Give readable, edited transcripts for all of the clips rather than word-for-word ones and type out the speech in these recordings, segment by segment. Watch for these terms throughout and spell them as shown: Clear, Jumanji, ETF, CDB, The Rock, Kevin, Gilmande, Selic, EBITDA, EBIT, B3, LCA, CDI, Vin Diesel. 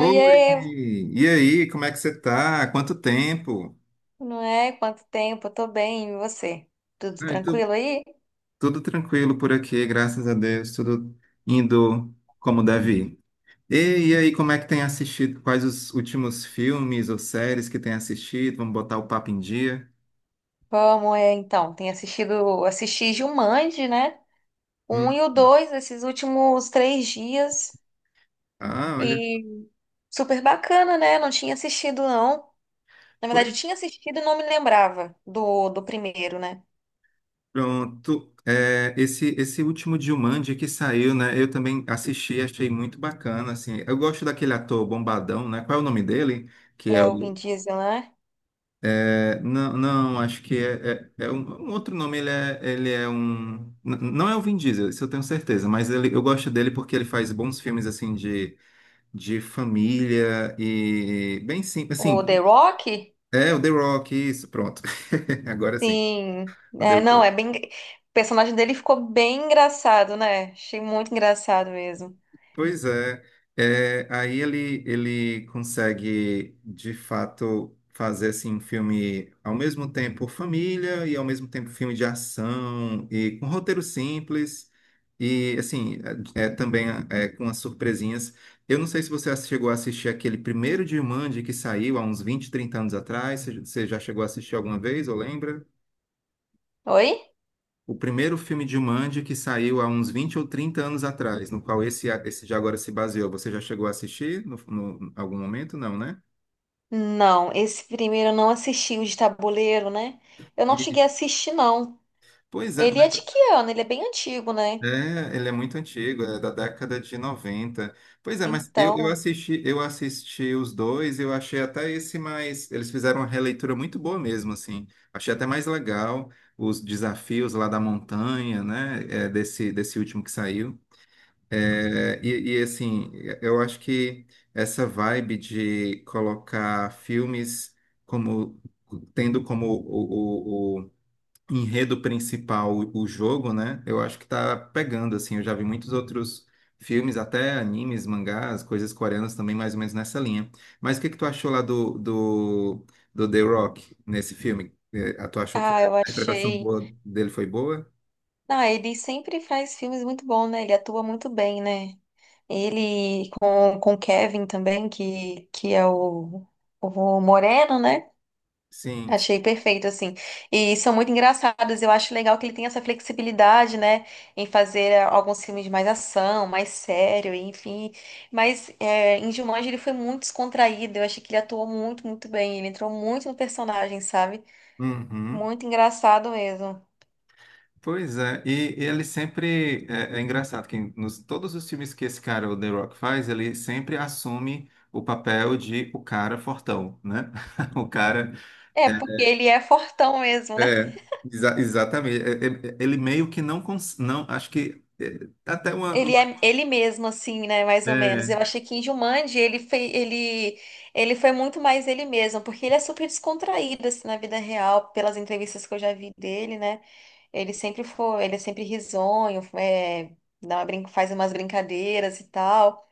Oiê, e aí, como é que você tá? Quanto tempo? não é? Quanto tempo? Eu tô bem, e você? Tudo Ai, tu- tranquilo aí? Tudo tranquilo por aqui, graças a Deus, tudo indo como deve. E, e aí, como é que tem assistido? Quais os últimos filmes ou séries que tem assistido? Vamos botar o papo em dia? Como é então? Tem assistido, assisti Jumanji, né? O Um Hum. e o dois, esses últimos três dias. Ah, olha, E super bacana, né? Não tinha assistido, não. Na verdade, eu pois tinha assistido e não me lembrava do primeiro, né? pronto. É, esse último Jumanji que saiu, né? Eu também assisti, achei muito bacana, assim. Eu gosto daquele ator bombadão, né? Qual é o nome dele? Que é É o o Vin Diesel, né? É, não, não, acho que é um, um outro nome, ele é um. Não é o Vin Diesel, isso eu tenho certeza, mas ele, eu gosto dele porque ele faz bons filmes, assim, de, família e bem simples, O The assim, Rock? é o The Rock, isso, pronto. Agora sim, Sim. o The É, não, é Rock. bem. O personagem dele ficou bem engraçado, né? Achei muito engraçado mesmo. Pois é, é, aí ele consegue de fato fazer assim, um filme ao mesmo tempo família e ao mesmo tempo filme de ação e com roteiro simples, e assim é também, com as surpresinhas. Eu não sei se você chegou a assistir aquele primeiro Jumanji que saiu há uns 20 30 anos atrás. Você já chegou a assistir alguma vez ou lembra? Oi? O primeiro filme de Jumanji que saiu há uns 20 ou 30 anos atrás, no qual esse de agora se baseou. Você já chegou a assistir algum momento? Não, né? Não, esse primeiro eu não assisti, o de tabuleiro, né? Eu não cheguei E- a assistir, não. Pois é, Ele mas é de que ano? Ele é bem antigo, né? Ele é muito antigo, é da década de 90. Pois é, mas eu, eu Então, assisti, eu assisti os dois, eu achei até esse mais. Eles fizeram uma releitura muito boa mesmo, assim. Achei até mais legal os desafios lá da montanha, né? Desse último que saiu. Assim, eu acho que essa vibe de colocar filmes como tendo como o enredo principal o jogo, né? Eu acho que tá pegando, assim. Eu já vi muitos outros filmes, até animes, mangás, coisas coreanas também, mais ou menos nessa linha. Mas o que que tu achou lá do The Rock nesse filme? Tu achou que a ah, eu interpretação achei. boa dele foi boa? Ah, ele sempre faz filmes muito bons, né? Ele atua muito bem, né? Ele com o Kevin também, que é o Moreno, né? Sim. Achei perfeito, assim. E são muito engraçados. Eu acho legal que ele tem essa flexibilidade, né? Em fazer alguns filmes de mais ação, mais sério, enfim. Mas em Jumanji ele foi muito descontraído. Eu achei que ele atuou muito bem. Ele entrou muito no personagem, sabe? Uhum. Muito engraçado mesmo. Pois é, e ele sempre é engraçado que nos todos os filmes que esse cara, o The Rock, faz, ele sempre assume o papel de o cara fortão, né? O cara É, é, porque ele é fortão mesmo, né? é, exatamente. Ele meio que não, acho que é, até uma. Ele é ele mesmo, assim, né? Mais ou menos. Eu achei que em Jumanji ele foi, ele foi muito mais ele mesmo, porque ele é super descontraído, assim, na vida real, pelas entrevistas que eu já vi dele, né? Ele sempre foi, ele é sempre risonho, é, dá uma faz umas brincadeiras e tal,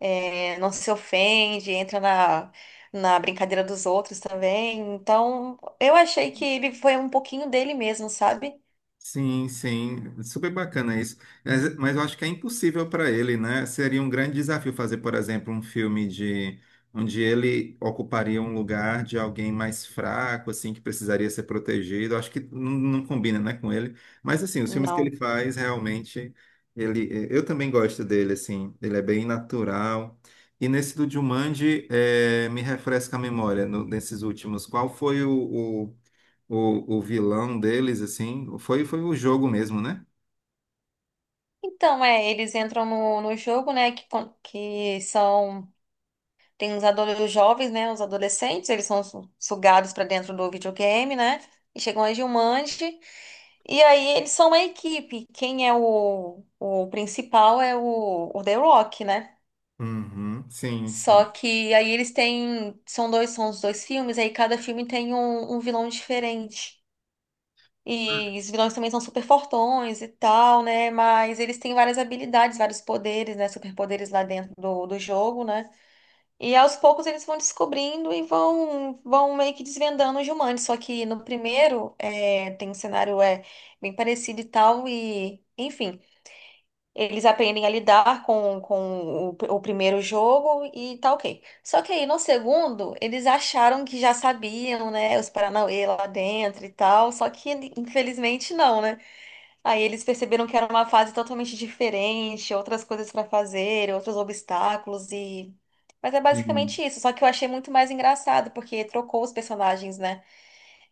é, não se ofende, entra na brincadeira dos outros também. Então, eu achei que ele foi um pouquinho dele mesmo, sabe? Sim, sim, super bacana isso. Mas eu acho que é impossível para ele, né? Seria um grande desafio fazer, por exemplo, um filme de onde ele ocuparia um lugar de alguém mais fraco, assim, que precisaria ser protegido. Eu acho que não, não combina, né, com ele. Mas assim, os filmes que Não. ele faz realmente, eu também gosto dele, assim. Ele é bem natural. E nesse do Jumanji, me refresca a memória nesses últimos. Qual foi o o vilão deles, assim, foi o jogo mesmo, né? Então, é, eles entram no jogo, né, que, que são, tem os, os jovens, né, os adolescentes, eles são sugados para dentro do videogame, né, e chegam a Gilmande, e aí eles são uma equipe, quem é o principal é o The Rock, né, Uhum, sim, só sim, que aí eles têm, são dois, são os dois filmes, aí cada filme tem um, um vilão diferente. E os vilões também são super fortões e tal, né? Mas eles têm várias habilidades, vários poderes, né? Superpoderes lá dentro do jogo, né? E aos poucos eles vão descobrindo e vão, vão meio que desvendando os humanos. Só que no primeiro é, tem um cenário é, bem parecido e tal, e enfim, eles aprendem a lidar com o primeiro jogo e tá ok. Só que aí no segundo, eles acharam que já sabiam, né? Os Paranauê lá dentro e tal, só que infelizmente não, né? Aí eles perceberam que era uma fase totalmente diferente, outras coisas para fazer, outros obstáculos e. Mas é sim, basicamente isso, só que eu achei muito mais engraçado, porque trocou os personagens, né?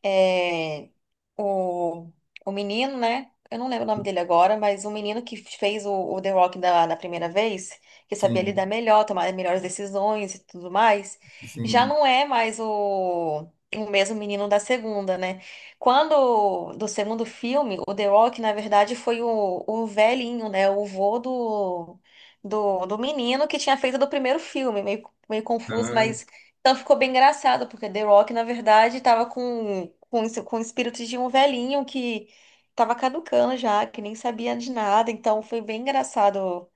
É, o, o menino, né? Eu não lembro o nome dele agora, mas o menino que fez o The Rock da primeira vez, que sabia sim, lidar melhor, tomar melhores decisões e tudo mais, já sim. não é mais o mesmo menino da segunda, né? Quando, do segundo filme, o The Rock, na verdade, foi o velhinho, né? O vô do menino que tinha feito do primeiro filme, meio, meio confuso, Ah, mas. Então ficou bem engraçado, porque The Rock, na verdade, estava com espíritos de um velhinho que estava caducando já, que nem sabia de nada. Então foi bem engraçado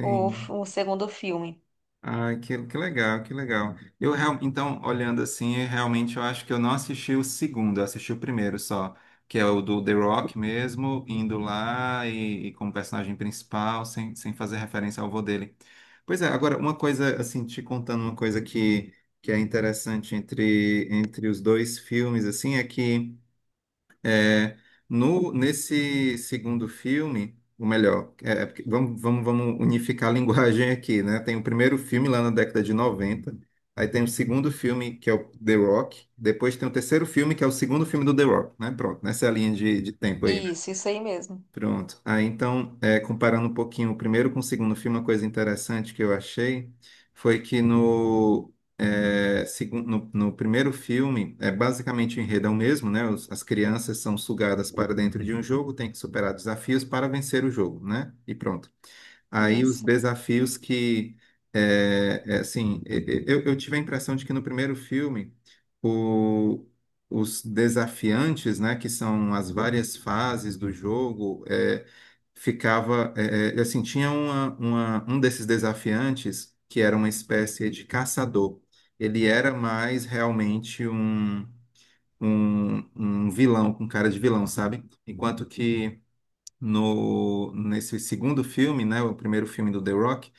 o segundo filme. Ah, que legal, que legal. Eu então, olhando assim, eu realmente eu acho que eu não assisti o segundo, eu assisti o primeiro só, que é o do The Rock mesmo, indo lá e como personagem principal, sem fazer referência ao avô dele. Pois é, agora, uma coisa, assim, te contando uma coisa que é interessante entre os dois filmes, assim, é que. É, no, Nesse segundo filme, ou melhor, é porque vamos unificar a linguagem aqui, né? Tem o primeiro filme lá na década de 90, aí tem o segundo filme, que é o The Rock, depois tem o terceiro filme, que é o segundo filme do The Rock, né? Pronto, nessa linha de tempo aí, Isso aí mesmo. pronto. Ah, então, comparando um pouquinho o primeiro com o segundo filme, uma coisa interessante que eu achei foi que no primeiro filme, é basicamente o enredo é o mesmo, né? As crianças são sugadas para dentro de um jogo, tem que superar desafios para vencer o jogo, né? E pronto. Aí os Isso. desafios que, assim, eu tive a impressão de que no primeiro filme, o- os desafiantes, né, que são as várias fases do jogo, ficava, assim, tinha um desses desafiantes que era uma espécie de caçador. Ele era mais realmente um, um um vilão, com cara de vilão, sabe? Enquanto que no, nesse segundo filme, né, o primeiro filme do The Rock,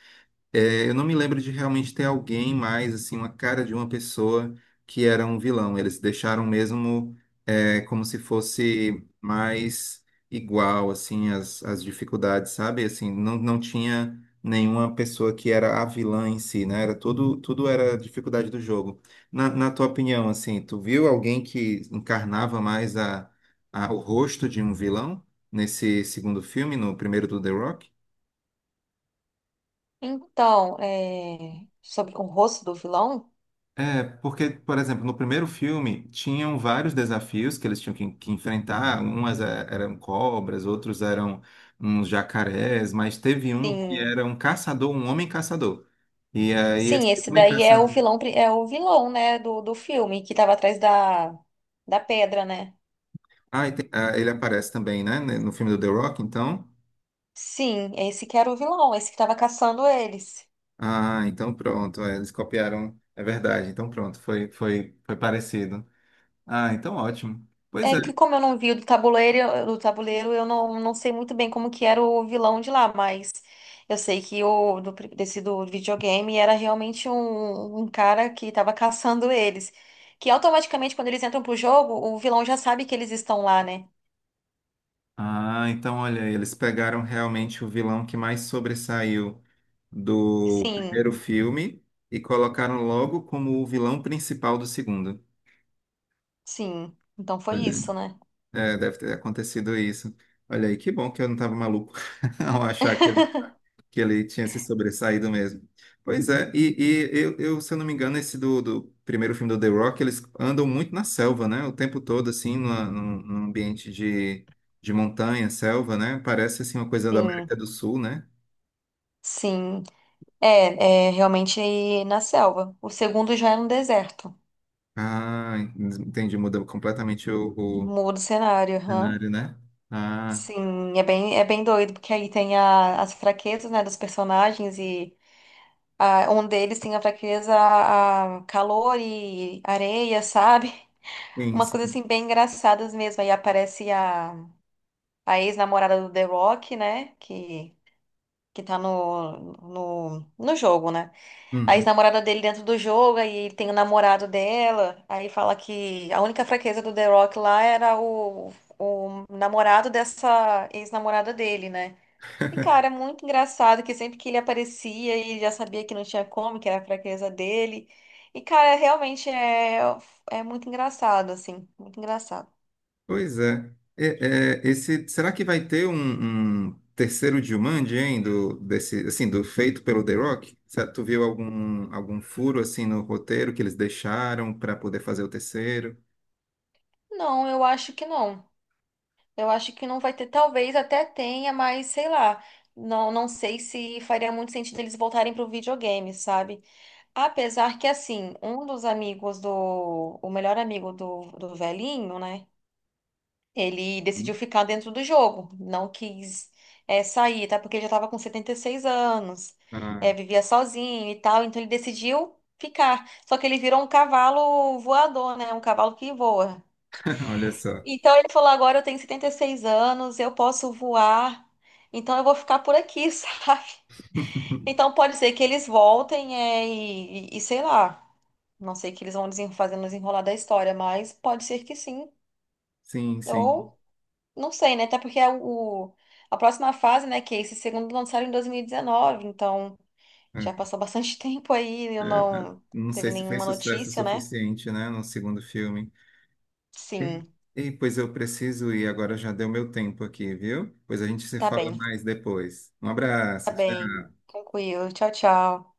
eu não me lembro de realmente ter alguém mais, assim, uma cara de uma pessoa que era um vilão. Eles deixaram mesmo como se fosse mais igual, assim, as dificuldades, sabe? Assim, não, não tinha nenhuma pessoa que era a vilã em si, né? Tudo era dificuldade do jogo. Na tua opinião, assim, tu viu alguém que encarnava mais o rosto de um vilão nesse segundo filme, no primeiro do The Rock? Então, é, sobre o rosto do vilão? É, porque, por exemplo, no primeiro filme tinham vários desafios que eles tinham que enfrentar. Umas eram cobras, outros eram uns jacarés, mas teve um que Sim. era um caçador, um homem caçador. E aí esse Sim, esse homem daí é o caçador. vilão, é o vilão, né, do filme, que estava atrás da pedra, né? Ah, ah, ele aparece também, né? Né, no filme do The Rock, então. Sim, esse que era o vilão, esse que estava caçando eles. Ah, então pronto. Eles copiaram. É verdade, então pronto, foi parecido. Ah, então ótimo. Pois É é. que como eu não vi o do tabuleiro, eu não, não sei muito bem como que era o vilão de lá, mas eu sei que o do, desse do videogame era realmente um, um cara que estava caçando eles. Que automaticamente, quando eles entram pro jogo, o vilão já sabe que eles estão lá, né? Ah, então olha, eles pegaram realmente o vilão que mais sobressaiu do Sim, primeiro filme e colocaram logo como o vilão principal do segundo. sim. Então foi Olha, isso, né? Deve ter acontecido isso. Olha aí, que bom que eu não estava maluco ao achar que ele tinha se sobressaído mesmo. Pois é, e eu, se eu não me engano, esse do primeiro filme do The Rock, eles andam muito na selva, né? O tempo todo, assim, num ambiente de montanha, selva, né? Parece, assim, uma coisa da Sim, América do Sul, né? sim. É, é realmente na selva. O segundo já é no deserto. Ah, entendi, muda completamente o, o Muda o cenário, aham. cenário, né? Ah, Sim, é bem doido, porque aí tem a- as fraquezas, né, dos personagens e ah, um deles tem a fraqueza a calor e areia, sabe? sim, Umas coisas sim. assim bem engraçadas mesmo. Aí aparece a ex-namorada do The Rock, né, que tá no jogo, né? A Uhum. ex-namorada dele dentro do jogo, aí ele tem o namorado dela, aí fala que a única fraqueza do The Rock lá era o namorado dessa ex-namorada dele, né? E, cara, é muito engraçado que sempre que ele aparecia, ele já sabia que não tinha como, que era a fraqueza dele. E, cara, realmente é, é muito engraçado, assim. Muito engraçado. Pois é. Esse, será que vai ter um, terceiro Jumanji, hein, desse, assim, do feito pelo The Rock? Tu viu algum furo assim no roteiro que eles deixaram para poder fazer o terceiro? Não, eu acho que não. Eu acho que não vai ter. Talvez até tenha, mas sei lá. Não, não sei se faria muito sentido eles voltarem pro videogame, sabe? Apesar que, assim, um dos amigos do. O melhor amigo do velhinho, né? Ele decidiu Hum? ficar dentro do jogo, não quis sair, tá? Porque ele já estava com 76 anos, Ah, vivia sozinho e tal, então ele decidiu ficar. Só que ele virou um cavalo voador, né? Um cavalo que voa. olha só. Então ele falou: agora eu tenho 76 anos, eu posso voar, então eu vou ficar por aqui, sabe? Então pode ser que eles voltem e, e sei lá, não sei o que eles vão fazer no desenrolar da história, mas pode ser que sim. Sim, sim. Ou não sei, né? Até porque é o, a próxima fase, né? Que é esse segundo lançaram em 2019, então já É, passou bastante tempo aí eu é, não não sei teve se fez nenhuma sucesso o notícia, né? suficiente, né, no segundo filme. E, Sim, Pois eu preciso ir, agora já deu meu tempo aqui, viu? Pois a gente se tá fala bem, mais depois. Um tá abraço. bem. Tranquilo. Tchau, tchau.